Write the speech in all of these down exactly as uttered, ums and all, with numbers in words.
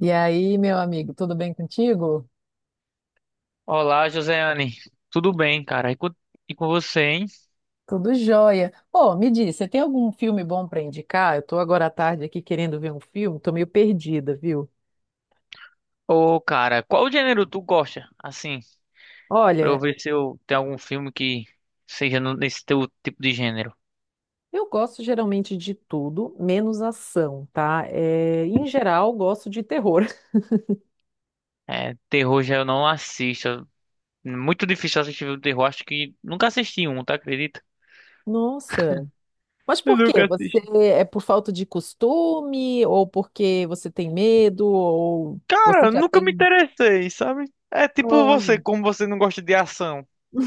E aí, meu amigo, tudo bem contigo? Olá, Joseane. Tudo bem, cara? E com, e com você, hein? Tudo jóia. Ô, me diz, você tem algum filme bom para indicar? Eu tô agora à tarde aqui querendo ver um filme, tô meio perdida, viu? Ô, cara, qual gênero tu gosta? Assim, pra eu Olha, ver se eu tenho algum filme que seja no- nesse teu tipo de gênero. eu gosto geralmente de tudo, menos ação, tá? É, em geral, gosto de terror. É, terror já eu não assisto. É muito difícil assistir filme de terror. Acho que nunca assisti um, tá? Acredita? Nossa, mas Eu por quê? nunca Você assisti. é por falta de costume, ou porque você tem medo, ou você Cara, já nunca me tem. interessei, sabe? É tipo você, Olha. como você não gosta de ação.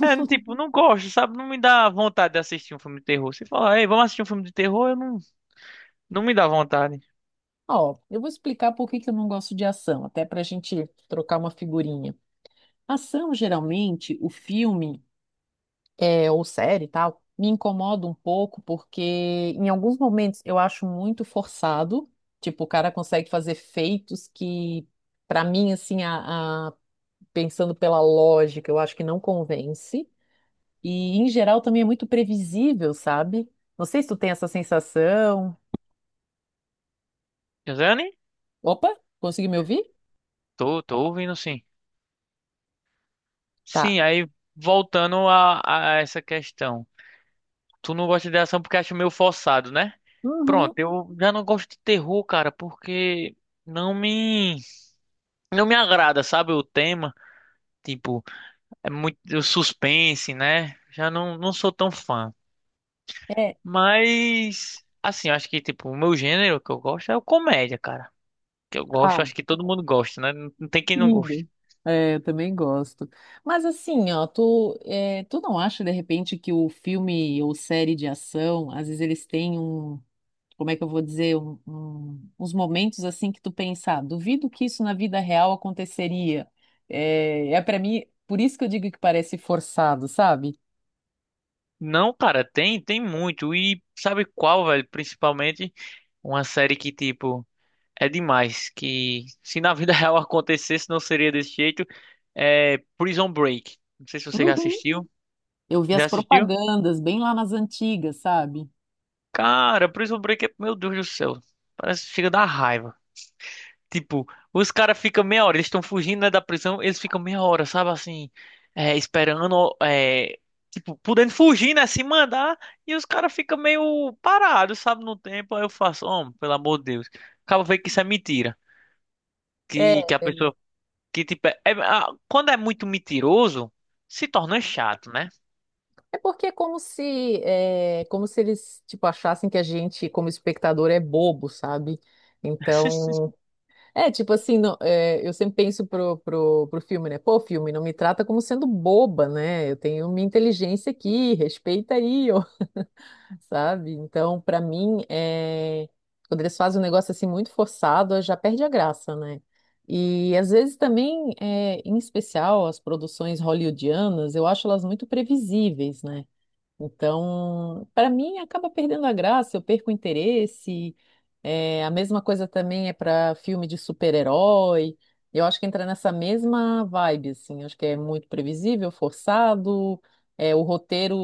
É, tipo, não gosto, sabe? Não me dá vontade de assistir um filme de terror. Se falar, ei, vamos assistir um filme de terror, eu não, não me dá vontade. Ó, eu vou explicar por que que eu não gosto de ação, até para a gente trocar uma figurinha. Ação, geralmente, o filme é, ou série e tal, me incomoda um pouco porque em alguns momentos eu acho muito forçado. Tipo, o cara consegue fazer feitos que, pra mim, assim, a, a- pensando pela lógica, eu acho que não convence. E, em geral, também é muito previsível, sabe? Não sei se tu tem essa sensação. Josiane. Opa, consegui me ouvir? Tô, tô ouvindo sim. Tá. Sim, aí voltando a, a essa questão. Tu não gosta de ação porque acha meio forçado, né? Uhum. Pronto, eu já não gosto de terror, cara, porque não me não me agrada, sabe, o tema, tipo, é muito o suspense, né? Já não não sou tão fã. É. Mas assim, eu acho que tipo, o meu gênero que eu gosto é o comédia, cara. Que eu gosto, Ah, eu acho que todo mundo gosta, né? Não não tem quem não goste. idem. É, eu também gosto. Mas assim, ó, tu, é, tu não acha de repente que o filme ou série de ação, às vezes eles têm um, como é que eu vou dizer, um- um- uns momentos assim que tu pensa, "Ah, duvido que isso na vida real aconteceria." É, é para mim, por isso que eu digo que parece forçado, sabe? Não, cara, tem, tem muito. E sabe qual, velho, principalmente uma série que, tipo, é demais. Que se na vida real acontecesse, não seria desse jeito. É Prison Break. Não sei se você já Uhum. assistiu. Eu vi Já as assistiu? propagandas bem lá nas antigas, sabe? Cara, Prison Break é. Meu Deus do céu. Parece que chega da raiva. Tipo, os caras ficam meia hora. Eles estão fugindo, né, da prisão. Eles ficam meia hora, sabe assim? É, esperando. É, tipo, podendo fugir, né? Se mandar. E os caras ficam meio parados, sabe? No tempo. Aí eu faço, homem, pelo amor de Deus. Acaba vendo que isso é mentira que, que a É. pessoa. Que tipo, é- é- ah, quando é muito mentiroso, se torna chato, né? É porque é como se, é, como se eles, tipo, achassem que a gente, como espectador, é bobo, sabe? Então, é, tipo assim, não- é, eu sempre penso pro, pro, pro filme, né? Pô, filme, não me trata como sendo boba, né? Eu tenho minha inteligência aqui, respeita aí, ó, sabe? Então, pra mim, é, quando eles fazem um negócio assim muito forçado, já perde a graça, né? E às vezes também, é, em especial, as produções hollywoodianas, eu acho elas muito previsíveis, né? Então, para mim, acaba perdendo a graça, eu perco o interesse. É, a mesma coisa também é para filme de super-herói. Eu acho que entra nessa mesma vibe, assim. Acho que é muito previsível, forçado. É, o roteiro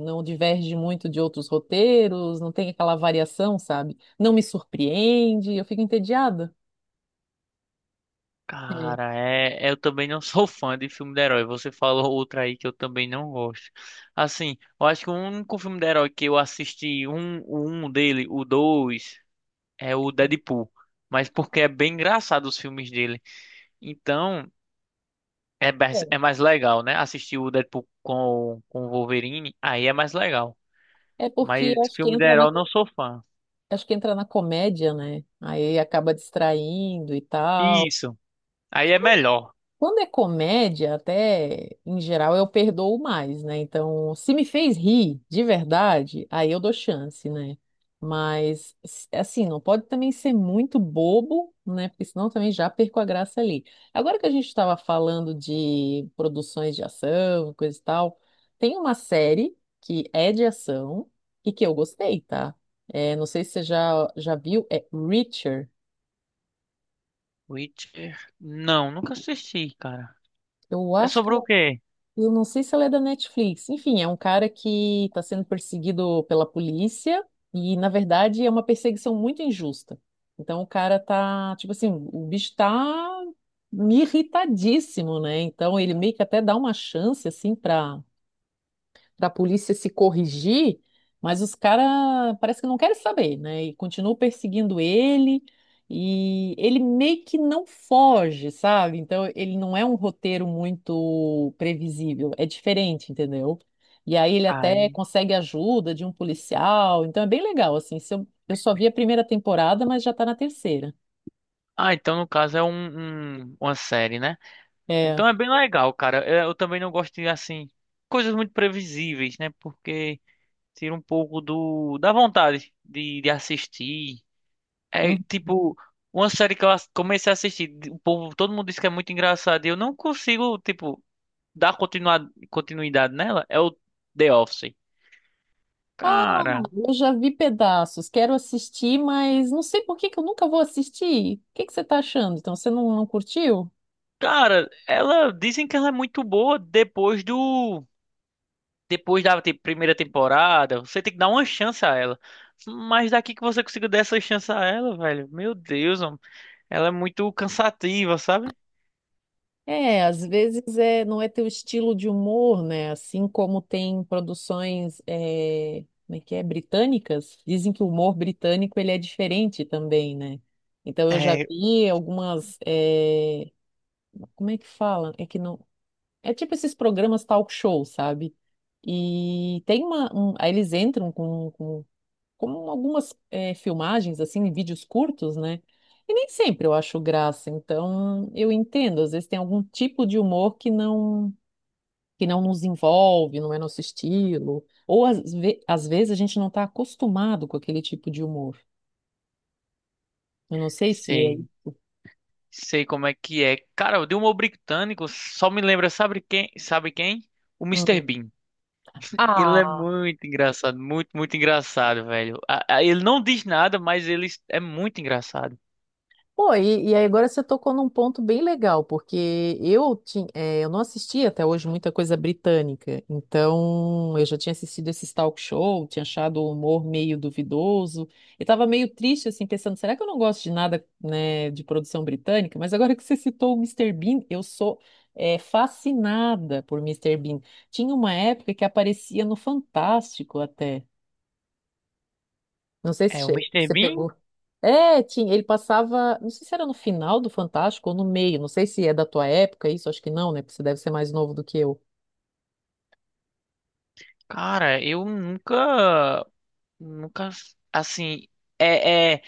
não diverge muito de outros roteiros, não tem aquela variação, sabe? Não me surpreende, eu fico entediada. É. Cara, é, é, eu também não sou fã de filme de herói. Você falou outra aí que eu também não gosto. Assim, eu acho que o único filme de herói que eu assisti, um, o um dele, o dois, é o Deadpool. Mas porque é bem engraçado os filmes dele. Então, é mais, é mais legal, né? Assistir o Deadpool com, com o Wolverine, aí é mais legal. É porque Mas acho que filme de entra na, herói eu não sou fã. acho que entra na comédia, né? Aí acaba distraindo e tal. Isso, aí é melhor. Quando é comédia, até em geral eu perdoo mais, né? Então, se me fez rir de verdade, aí eu dou chance, né? Mas s- assim, não pode também ser muito bobo, né? Porque senão também já perco a graça ali. Agora que a gente estava falando de produções de ação, coisa e tal, tem uma série que é de ação e que eu gostei, tá? É, não sei se você já, já viu, é Reacher. Witcher? Não, nunca assisti, cara. Eu É acho que é. sobre o quê? Eu não sei se ela é da Netflix. Enfim, é um cara que está sendo perseguido pela polícia e, na verdade, é uma perseguição muito injusta. Então, o cara tá, tipo assim, o bicho tá irritadíssimo, né? Então, ele meio que até dá uma chance, assim, para para a polícia se corrigir, mas os caras parece que não querem saber, né? E continuam perseguindo ele, e ele meio que não foge, sabe? Então ele não é um roteiro muito previsível, é diferente, entendeu? E aí ele até Ai. consegue ajuda de um policial, então é bem legal, assim. Se eu, eu só vi a primeira temporada, mas já tá na terceira. Ah, então no caso é um, um- uma série, né? É. Então é bem legal, cara. Eu, eu também não gosto de, assim, coisas muito previsíveis, né? Porque tira um pouco do, da vontade de, de assistir. É Hum. tipo, uma série que eu ass- comecei a assistir, o povo, todo mundo diz que é muito engraçado e eu não consigo, tipo, dar continua- continuidade nela. É o The Office. Cara. Eu já vi pedaços, quero assistir, mas não sei por que que eu nunca vou assistir. O que que você está achando? Então, você não, não curtiu? Cara, ela dizem que ela é muito boa depois do depois da te- primeira temporada. Você tem que dar uma chance a ela. Mas daqui que você consiga dar essa chance a ela, velho. Meu Deus, homem. Ela é muito cansativa, sabe? É, às vezes é, não é teu estilo de humor, né? Assim como tem produções, é, como é que é, britânicas, dizem que o humor britânico ele é diferente também, né? Então eu já É, vi algumas, é, como é que fala? É que não, é tipo esses programas talk show, sabe? E tem uma, um- aí eles entram com, com como algumas eh, filmagens, assim, vídeos curtos, né? E nem sempre eu acho graça, então eu entendo, às vezes tem algum tipo de humor que não que não nos envolve, não é nosso estilo, ou às, ve- às vezes a gente não está acostumado com aquele tipo de humor. Eu não sei se é. sei, sei como é que é. Cara, o Dilma Britânico só me lembra, sabe quem? Sabe quem? O Mister Hum. Bean. Ele é Ah! muito engraçado, muito, muito engraçado, velho. A- a- Ele não diz nada, mas ele é muito engraçado. Pô, e, e aí agora você tocou num ponto bem legal, porque eu, tinha, eu não assisti até hoje muita coisa britânica, então eu já tinha assistido esse talk show, tinha achado o humor meio duvidoso, e tava meio triste, assim, pensando, será que eu não gosto de nada, né, de produção britânica? Mas agora que você citou o mister Bean, eu sou, é, fascinada por Mister Bean. Tinha uma época que aparecia no Fantástico até. Não sei se É, o che- Mister você Bean. pegou. É, tinha, ele passava, não sei se era no final do Fantástico ou no meio, não sei se é da tua época isso, acho que não, né? Porque você deve ser mais novo do que eu. Cara, eu nunca, nunca, assim, é, é,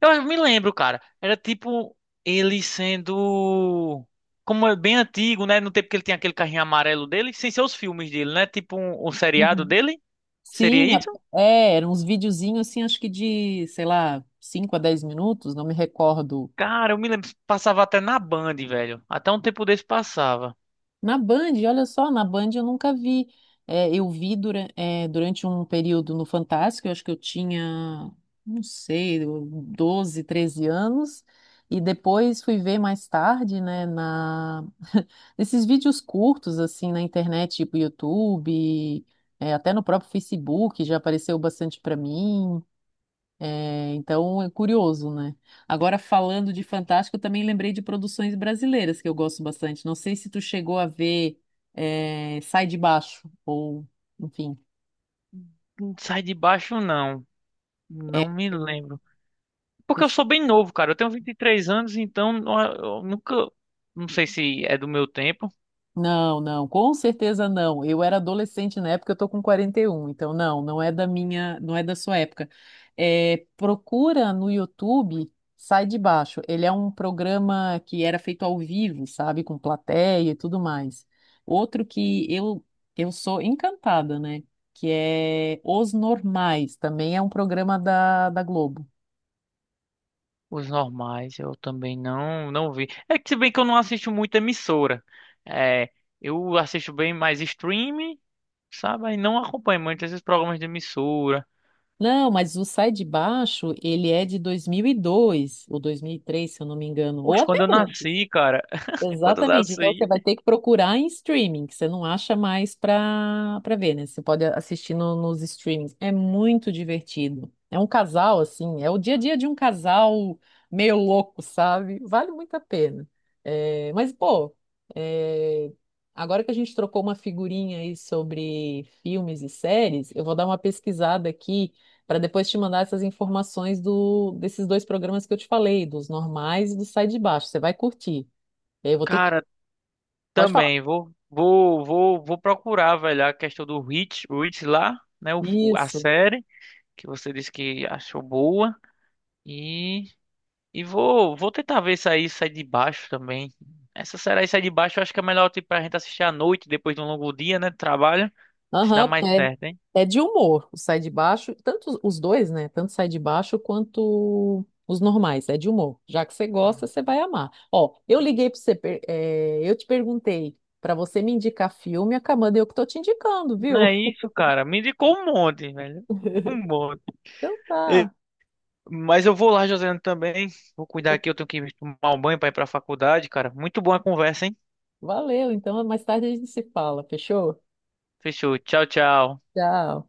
eu me lembro, cara, era tipo ele sendo, como é bem antigo, né, no tempo que ele tinha aquele carrinho amarelo dele, sem ser os filmes dele, né, tipo um, um seriado Uhum. dele, seria Sim, a- isso? é, eram uns videozinhos assim, acho que de, sei lá, cinco a dez minutos, não me recordo. Cara, eu me lembro, passava até na Band, velho, até um tempo desse passava, Na Band, olha só, na Band eu nunca vi. É, eu vi dura- é, durante um período no Fantástico, eu acho que eu tinha, não sei, doze, treze anos, e depois fui ver mais tarde, né, na... nesses vídeos curtos, assim, na internet, tipo YouTube, é, até no próprio Facebook já apareceu bastante para mim. É, então é curioso, né? Agora, falando de fantástico, eu também lembrei de produções brasileiras que eu gosto bastante. Não sei se tu chegou a ver é, Sai de Baixo, ou enfim. não sai de baixo não, não É, me lembro, porque eu eu sou bem novo, cara, eu tenho vinte e três anos, então eu eu nunca, não sei se é do meu tempo. não, não, com certeza não. Eu era adolescente na época, eu tô com quarenta e um, então não, não é da minha, não é da sua época. É, procura no YouTube, sai de baixo. Ele é um programa que era feito ao vivo, sabe, com plateia e tudo mais. Outro que eu eu sou encantada, né? Que é Os Normais, também é um programa da, da Globo. Os normais, eu também não não vi. É que se bem que eu não assisto muita emissora. É, eu assisto bem mais stream, sabe? E não acompanho muito esses programas de emissora. Não, mas o Sai de Baixo, ele é de dois mil e dois ou dois mil e três, se eu não me engano, ou Poxa, até quando eu antes. nasci, cara, quando eu Exatamente. Então você nasci, vai ter que procurar em streaming, que você não acha mais para para ver, né? Você pode assistir no- nos streamings. É muito divertido. É um casal, assim, é o dia a dia de um casal meio louco, sabe? Vale muito a pena. É, mas, pô, é, agora que a gente trocou uma figurinha aí sobre filmes e séries, eu vou dar uma pesquisada aqui para depois te mandar essas informações do, desses dois programas que eu te falei, dos normais e do Sai de Baixo. Você vai curtir. E aí eu vou ter que. cara, Pode falar. também vou vou vou vou procurar, velho, a questão do Rich, Rich lá, né, o, o- a Isso. série que você disse que achou boa e E vou, vou tentar ver isso aí, sai de baixo também. Essa série aí sai de baixo, eu acho que é melhor tipo, pra gente assistir à noite, depois de um longo dia, né? De trabalho. Se dá Aham, porque mais é, certo, hein? é de humor. O Sai de Baixo, tanto os dois, né? Tanto Sai de Baixo quanto os normais. É de humor. Já que você gosta, você vai amar. Ó, eu liguei pra você, per- é, eu te perguntei pra você me indicar filme, acabando eu que tô te indicando, Não viu? é isso, cara. Me indicou um monte, velho. Um monte. Então E- tá. mas eu vou lá, Josiane, também. Vou cuidar Eu- aqui, eu tenho que tomar um banho pra ir pra faculdade, cara. Muito boa a conversa, hein? valeu. Então mais tarde a gente se fala. Fechou? Fechou. Tchau, tchau. Tchau.